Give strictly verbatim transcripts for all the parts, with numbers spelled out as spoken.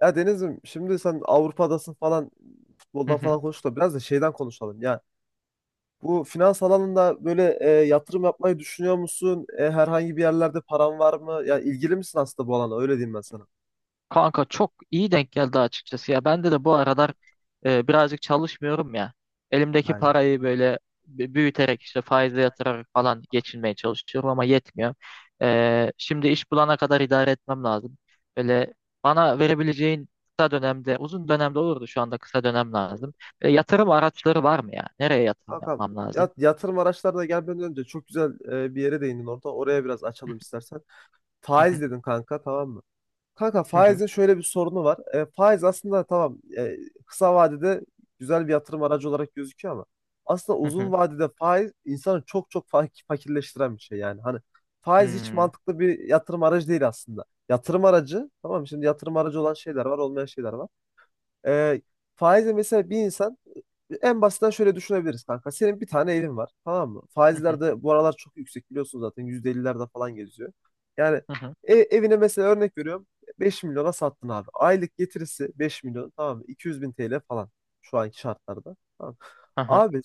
Ya Deniz'im şimdi sen Avrupa'dasın falan Hı futboldan hı. falan konuştuk da biraz da şeyden konuşalım. Ya bu finans alanında böyle e, yatırım yapmayı düşünüyor musun? E, herhangi bir yerlerde paran var mı? Ya ilgili misin aslında bu alana? Öyle diyeyim ben sana. Kanka çok iyi denk geldi açıkçası ya. Bende de bu aralar e, birazcık çalışmıyorum ya. Elimdeki Aynen. parayı böyle b- büyüterek işte faize yatırarak falan geçinmeye çalışıyorum ama yetmiyor. E, şimdi iş bulana kadar idare etmem lazım. Böyle bana verebileceğin kısa dönemde, uzun dönemde olurdu şu anda kısa dönem lazım. E, yatırım araçları var mı ya? Nereye yatırım Hakan yapmam lazım? ya- yatırım araçlarına gelmeden önce çok güzel e, bir yere değindin orada. Oraya biraz açalım istersen. Hı Faiz hı, dedin kanka, tamam mı? Kanka hı hı, faizin şöyle bir sorunu var. E, faiz aslında tamam, e, kısa vadede güzel bir yatırım aracı olarak gözüküyor ama aslında hı uzun hı, vadede faiz insanı çok çok fa- fakirleştiren bir şey yani. Hani hı faiz hiç hı, mantıklı bir yatırım aracı değil aslında. Yatırım aracı, tamam mı? Şimdi yatırım aracı olan şeyler var, olmayan şeyler var. Ee, faizle mesela bir insan, e, en basitten şöyle düşünebiliriz kanka. Senin bir tane evin var, tamam mı? hı Faizler hı, de bu aralar çok yüksek, biliyorsun zaten yüzde ellilerde falan geziyor. Yani hı hı, e- evine mesela örnek veriyorum, beş milyona sattın abi. Aylık getirisi beş milyon, tamam mı? iki yüz bin T L falan şu anki şartlarda. Tamam. hı hı, Abi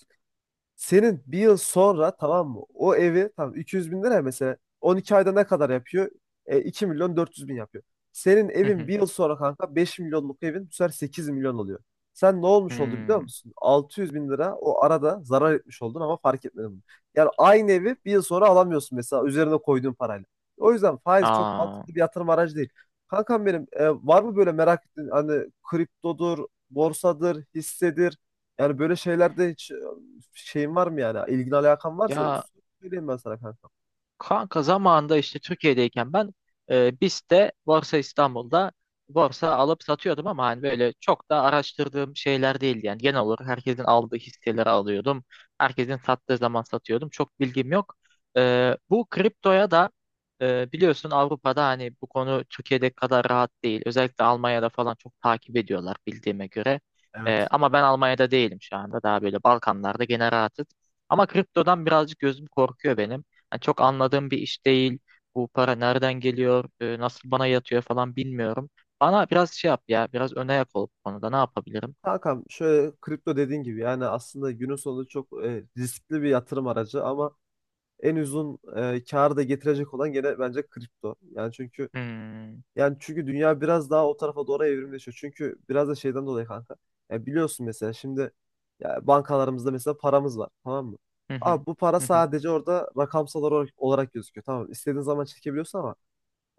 senin bir yıl sonra, tamam mı? O evi, tamam, iki yüz bin lira mesela, on iki ayda ne kadar yapıyor? E, iki milyon dört yüz bin yapıyor. Senin hı evin hı, bir yıl sonra kanka, beş milyonluk evin, bu sefer sekiz milyon oluyor. Sen ne olmuş oldu biliyor hı. musun? altı yüz bin lira o arada zarar etmiş oldun ama fark etmedin bunu. Yani aynı evi bir yıl sonra alamıyorsun mesela üzerine koyduğun parayla. O yüzden faiz çok Aa, mantıklı bir yatırım aracı değil. Kankam benim, e, var mı böyle merak ettiğin, hani kriptodur, borsadır, hissedir, yani böyle şeylerde hiç şeyin var mı yani? İlgin alakan varsa ya söyleyeyim ben sana kanka. Kanka zamanında işte Türkiye'deyken ben e, BIST'te Borsa İstanbul'da borsa alıp satıyordum ama hani böyle çok da araştırdığım şeyler değildi. Yani genel olarak herkesin aldığı hisseleri alıyordum. Herkesin sattığı zaman satıyordum. Çok bilgim yok. E, bu kriptoya da e, biliyorsun Avrupa'da hani bu konu Türkiye'de kadar rahat değil. Özellikle Almanya'da falan çok takip ediyorlar bildiğime göre. E, ama ben Almanya'da değilim şu anda. Daha böyle Balkanlarda gene rahatız. Ama kriptodan birazcık gözüm korkuyor benim. Yani çok anladığım bir iş değil. Bu para nereden geliyor, e, nasıl bana yatıyor falan bilmiyorum. Bana biraz şey yap ya, biraz öne yak ol bu konuda. Ne yapabilirim? Kankam, şöyle, kripto dediğin gibi yani aslında günün sonunda çok e, riskli bir yatırım aracı ama en uzun e, karı da getirecek olan gene bence kripto. Yani çünkü Hmm. yani çünkü dünya biraz daha o tarafa doğru evrimleşiyor. Çünkü biraz da şeyden dolayı kanka. Ya biliyorsun, mesela şimdi, ya bankalarımızda mesela paramız var, tamam mı? Hı hı. Abi, bu para Hı hı. sadece orada rakamsal olarak, olarak gözüküyor. Tamam, istediğin zaman çekebiliyorsun ama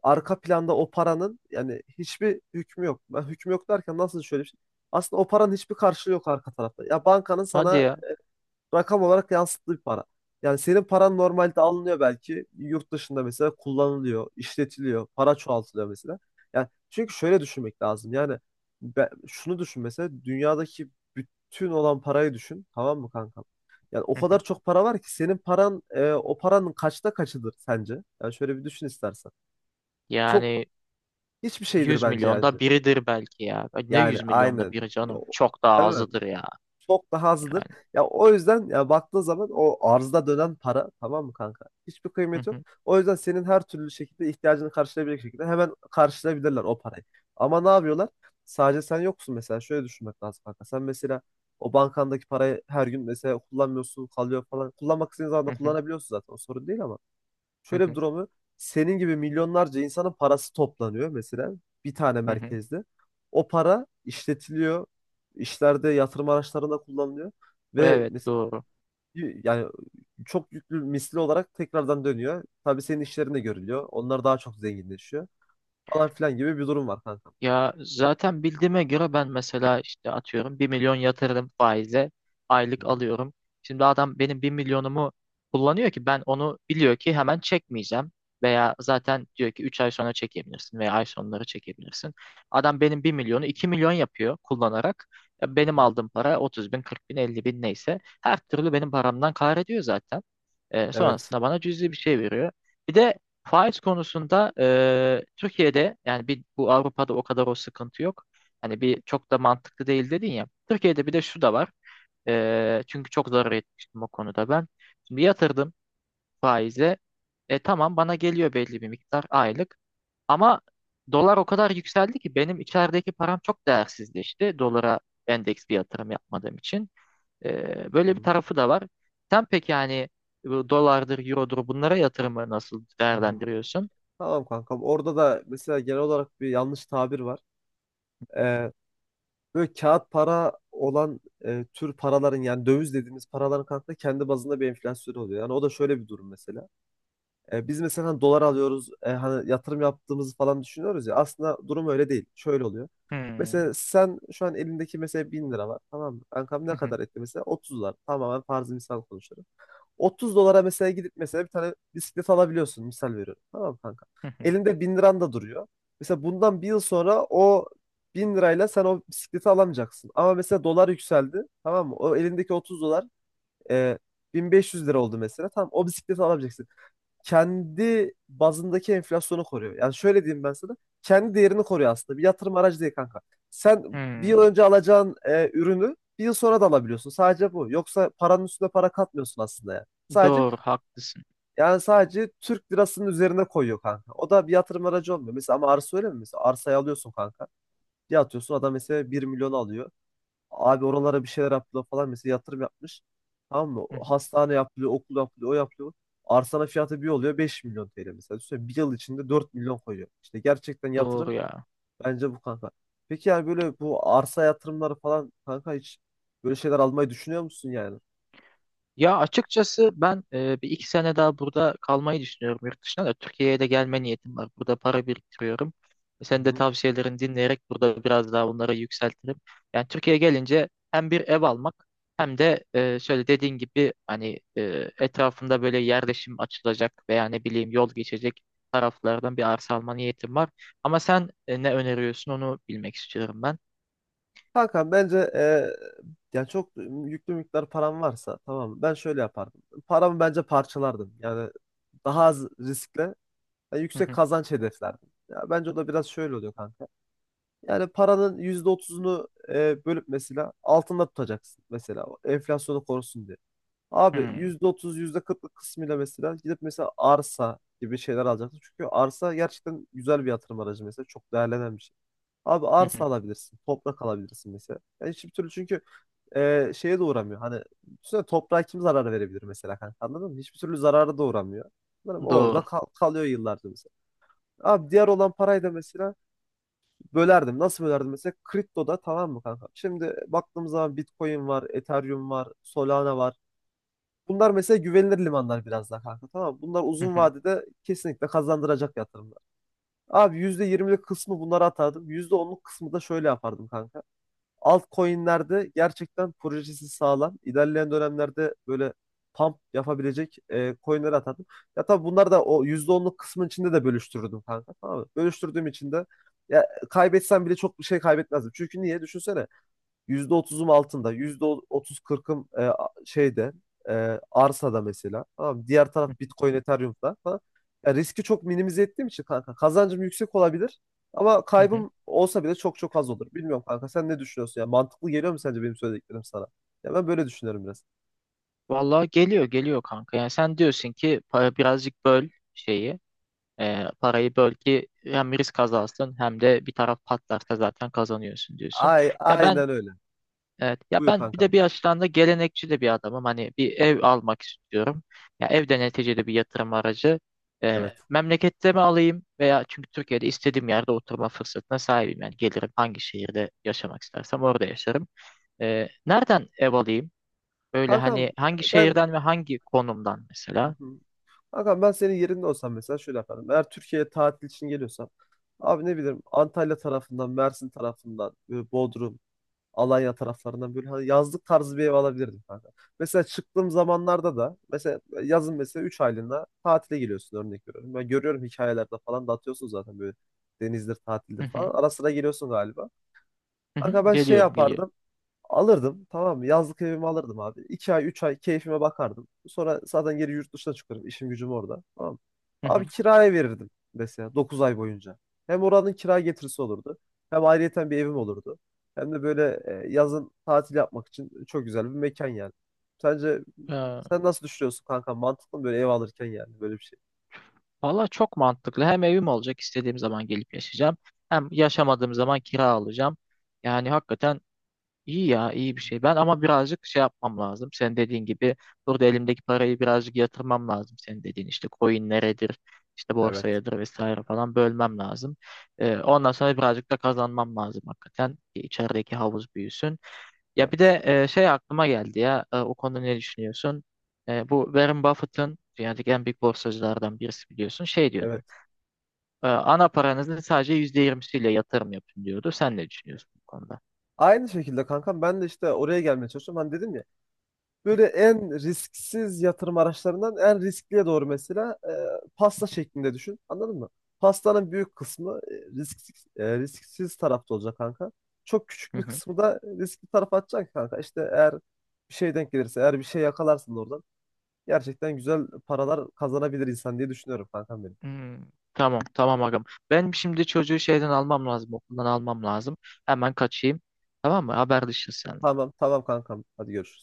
arka planda o paranın yani hiçbir hükmü yok. Ben hükmü yok derken, nasıl, şöyle bir şey. Aslında o paranın hiçbir karşılığı yok arka tarafta. Ya, bankanın Hadi sana ya. rakam olarak yansıttığı bir para. Yani senin paran normalde alınıyor belki. Yurt dışında mesela kullanılıyor, işletiliyor, para çoğaltılıyor mesela. Yani çünkü şöyle düşünmek lazım. Yani, be- şunu düşün mesela, dünyadaki bütün olan parayı düşün. Tamam mı kankam? Yani o Hı kadar hı. çok para var ki senin paran, e, o paranın kaçta kaçıdır sence? Yani şöyle bir düşün istersen. Çok Yani Hiçbir şeydir yüz bence yani. milyonda biridir belki ya. Ay, ne Yani yüz milyonda aynen. biri Ya, canım? o- Çok daha Değil mi? azıdır ya. Çok daha azdır. Yani. Ya o yüzden, ya, baktığın zaman o arzda dönen para, tamam mı kanka? Hiçbir Hı kıymeti yok. hı. O yüzden senin her türlü şekilde ihtiyacını karşılayabilecek şekilde hemen karşılayabilirler o parayı. Ama ne yapıyorlar? Sadece sen yoksun mesela. Şöyle düşünmek lazım kanka. Sen mesela o bankandaki parayı her gün mesela kullanmıyorsun, kalıyor falan. Kullanmak istediğin zaman da Hı hı. kullanabiliyorsun zaten. O sorun değil ama Hı şöyle bir hı. durum var. Senin gibi milyonlarca insanın parası toplanıyor mesela bir tane Hı hı. merkezde. O para işletiliyor, işlerde, yatırım araçlarında kullanılıyor ve Evet, mesela doğru. yani çok yüklü misli olarak tekrardan dönüyor. Tabii senin işlerinde görülüyor. Onlar daha çok zenginleşiyor falan filan gibi bir durum var kanka. Ya zaten bildiğime göre ben mesela işte atıyorum bir milyon yatırdım faize Hı aylık alıyorum. Şimdi adam benim bir milyonumu kullanıyor ki ben onu biliyor ki hemen çekmeyeceğim. Veya zaten diyor ki üç ay sonra çekebilirsin veya ay sonları çekebilirsin. Adam benim bir milyonu iki milyon yapıyor kullanarak. Ya benim hı. aldığım para otuz bin kırk bin elli bin neyse her türlü benim paramdan kar ediyor zaten. E, Evet. sonrasında bana cüzi bir şey veriyor. Bir de faiz konusunda eee, Türkiye'de yani bir bu Avrupa'da o kadar o sıkıntı yok. Hani bir çok da mantıklı değil dedin ya. Türkiye'de bir de şu da var. Eee, çünkü çok zarar etmiştim o konuda ben. Şimdi yatırdım faize. E tamam bana geliyor belli bir miktar aylık. Ama dolar o kadar yükseldi ki benim içerideki param çok değersizleşti. Dolara endeks bir yatırım yapmadığım için. Eee, böyle bir Hı tarafı da var. Sen peki yani bu dolardır, eurodur bunlara yatırımı nasıl hı. değerlendiriyorsun? Tamam kankam. Orada da mesela genel olarak bir yanlış tabir var. Ee, Böyle kağıt para olan, e, tür paraların yani döviz dediğimiz paraların kanka kendi bazında bir enflasyonu oluyor. Yani o da şöyle bir durum mesela. E, biz mesela hani dolar alıyoruz, e, hani yatırım yaptığımızı falan düşünüyoruz ya, aslında durum öyle değil. Şöyle oluyor. Hmm. Mesela sen şu an elindeki mesela bin lira var, tamam mı? Kankam, ne Hı hı. kadar etti mesela? Otuz dolar. Tamamen farzı misal konuşuyorum. otuz dolara mesela gidip mesela bir tane bisiklet alabiliyorsun, misal veriyorum. Tamam mı kanka. Hı hı. Elinde bin liran da duruyor. Mesela bundan bir yıl sonra o bin lirayla sen o bisikleti alamayacaksın. Ama mesela dolar yükseldi, tamam mı? O elindeki otuz dolar e, bin beş yüz lira oldu mesela. Tamam, o bisikleti alabileceksin. Kendi bazındaki enflasyonu koruyor. Yani şöyle diyeyim ben sana. Kendi değerini koruyor aslında. Bir yatırım aracı değil kanka. Sen bir yıl Hmm. önce alacağın e, ürünü bir yıl sonra da alabiliyorsun. Sadece bu. Yoksa paranın üstüne para katmıyorsun aslında yani. Sadece Doğru, haklısın. yani sadece Türk lirasının üzerine koyuyor kanka. O da bir yatırım aracı olmuyor. Mesela ama arsa öyle mi? Mesela arsayı alıyorsun kanka. Bir atıyorsun, adam mesela bir milyon alıyor. Abi, oralara bir şeyler yaptılar falan, mesela yatırım yapmış. Tamam mı? Hı hı. Hastane yapılıyor, okul yapılıyor, o yapılıyor. Arsana fiyatı bir oluyor beş milyon T L mesela. Düşünsene, bir yıl içinde dört milyon koyuyor. İşte gerçekten Doğru yatırım ya. bence bu kanka. Peki yani böyle bu arsa yatırımları falan kanka, hiç böyle şeyler almayı düşünüyor musun yani? Ya açıkçası ben e, bir iki sene daha burada kalmayı düşünüyorum, yurt dışına da Türkiye'ye de gelme niyetim var. Burada para biriktiriyorum. Sen de Hı. tavsiyelerini dinleyerek burada biraz daha bunları yükseltirim. Yani Türkiye'ye gelince hem bir ev almak hem de e, şöyle dediğin gibi hani e, etrafında böyle yerleşim açılacak veya ne bileyim yol geçecek taraflardan bir arsa alma niyetim var. Ama sen e, ne öneriyorsun onu bilmek istiyorum ben. Kanka bence, e, yani, çok yüklü miktar param varsa, tamam mı? Ben şöyle yapardım. Paramı bence parçalardım. Yani daha az riskle yani Hı yüksek hı, kazanç hedeflerdim. Ya bence o da biraz şöyle oluyor kanka. Yani paranın yüzde otuzunu e, bölüp mesela altında tutacaksın, mesela o enflasyonu korusun diye. Abi hı, yüzde otuz yüzde kırklık kısmıyla mesela gidip mesela arsa gibi şeyler alacaksın. Çünkü arsa gerçekten güzel bir yatırım aracı mesela, çok değerlenen bir şey. Abi hı hı. arsa Hı. alabilirsin, toprak alabilirsin mesela. Yani hiçbir türlü çünkü e, şeye de uğramıyor. Hani düşünsene, toprağa kim zarar verebilir mesela kanka, anladın mı? Hiçbir türlü zararı da uğramıyor. Anladın mı? Orada Doğru. kal- kalıyor yıllarca mesela. Abi diğer olan parayı da mesela bölerdim. Nasıl bölerdim mesela? Kriptoda, tamam mı kanka? Şimdi baktığımız zaman Bitcoin var, Ethereum var, Solana var. Bunlar mesela güvenilir limanlar biraz daha kanka, tamam mı? Bunlar Hı uzun hı, vadede kesinlikle kazandıracak yatırımlar. Abi yüzde yirmilik kısmı bunlara atardım. yüzde onluk kısmı da şöyle yapardım kanka, altcoin'lerde gerçekten projesi sağlam, İlerleyen dönemlerde böyle pump yapabilecek e, coin'leri atardım. Ya tabii bunlar da o yüzde onluk kısmın içinde de bölüştürdüm kanka. Tamam mı? Bölüştürdüğüm için de ya kaybetsem bile çok bir şey kaybetmezdim. Çünkü niye? Düşünsene. Yüzde otuzum altında, yüzde otuz kırkım e, şeyde, e, arsada mesela. Tamam mı? Diğer taraf Bitcoin, Ethereum'da falan. Ya, riski çok minimize ettiğim için kanka kazancım yüksek olabilir ama hı hı. kaybım olsa bile çok çok az olur. Bilmiyorum kanka, sen ne düşünüyorsun? Ya mantıklı geliyor mu sence benim söylediklerim sana? Ya ben böyle düşünüyorum biraz. Vallahi geliyor geliyor kanka. Yani sen diyorsun ki para birazcık böl şeyi. e, parayı böl ki hem risk azansın hem de bir taraf patlarsa zaten kazanıyorsun diyorsun. Ay, Ya ben aynen öyle. evet, ya Buyur ben bir kankam. de bir açıdan da gelenekçi de bir adamım. Hani bir ev almak istiyorum. Ya ev de neticede bir yatırım aracı. Evet. E, memlekette mi alayım, veya çünkü Türkiye'de istediğim yerde oturma fırsatına sahibim. Yani gelirim, hangi şehirde yaşamak istersem orada yaşarım. E, nereden ev alayım? Öyle Kankam hani hangi ben. şehirden ve hangi konumdan Hı mesela? hı. Hakan, ben senin yerinde olsam mesela şöyle yaparım. Eğer Türkiye'ye tatil için geliyorsam, abi ne bileyim, Antalya tarafından, Mersin tarafından, böyle Bodrum, Alanya taraflarından böyle hani yazlık tarzı bir ev alabilirdim kanka. Mesela çıktığım zamanlarda da mesela yazın mesela üç aylığına tatile geliyorsun, örnek veriyorum. Ben görüyorum hikayelerde falan da atıyorsun zaten, böyle denizdir, Hı tatildir hı. falan. Ara sıra geliyorsun galiba. Hı hı. Kanka ben şey Geliyorum, geliyorum. yapardım. Alırdım, tamam mı? Yazlık evimi alırdım abi. İki ay, üç ay keyfime bakardım. Sonra zaten geri yurt dışına çıkarım. İşim gücüm orada. Tamam mı? Hı Abi hı. kiraya verirdim mesela dokuz ay boyunca. Hem oranın kira getirisi olurdu. Hem ayrıyeten bir evim olurdu. Hem de böyle e, yazın tatil yapmak için çok güzel bir mekan yani. Sence, Ee, sen nasıl düşünüyorsun kanka? Mantıklı mı böyle ev alırken yani böyle bir şey? valla çok mantıklı. Hem evim olacak, istediğim zaman gelip yaşayacağım. Hem yaşamadığım zaman kira alacağım. Yani hakikaten iyi ya, iyi bir şey. Ben ama birazcık şey yapmam lazım. Sen dediğin gibi burada elimdeki parayı birazcık yatırmam lazım. Senin dediğin işte coin neredir, işte Evet, borsayadır vesaire falan bölmem lazım. Ee, ondan sonra birazcık da kazanmam lazım hakikaten, ki içerideki havuz büyüsün. Ya bir evet, de e, şey aklıma geldi ya, E, o konuda ne düşünüyorsun? E, bu Warren Buffett'ın, dünyadaki en büyük borsacılardan birisi biliyorsun, şey evet. diyordu. E, ana paranızın sadece yüzde yirmisiyle yatırım yapın diyordu. Sen ne düşünüyorsun bu konuda? Aynı şekilde kankam, ben de işte oraya gelmeye çalışıyorum. Hani dedim ya, böyle en risksiz yatırım araçlarından en riskliye doğru mesela, e, pasta şeklinde düşün. Anladın mı? Pastanın büyük kısmı e, risksiz, e, risksiz tarafta olacak kanka. Çok küçük Hı bir hı. kısmı da riskli tarafa atacaksın kanka. İşte eğer bir şey denk gelirse, eğer bir şey yakalarsın da oradan gerçekten güzel paralar kazanabilir insan diye düşünüyorum kankam benim. Hmm, tamam, tamam, agam. Ben şimdi çocuğu şeyden almam lazım okuldan almam lazım. Hemen kaçayım. Tamam mı? Haberleşiriz sen. Tamam, tamam kankam. Hadi görüşürüz.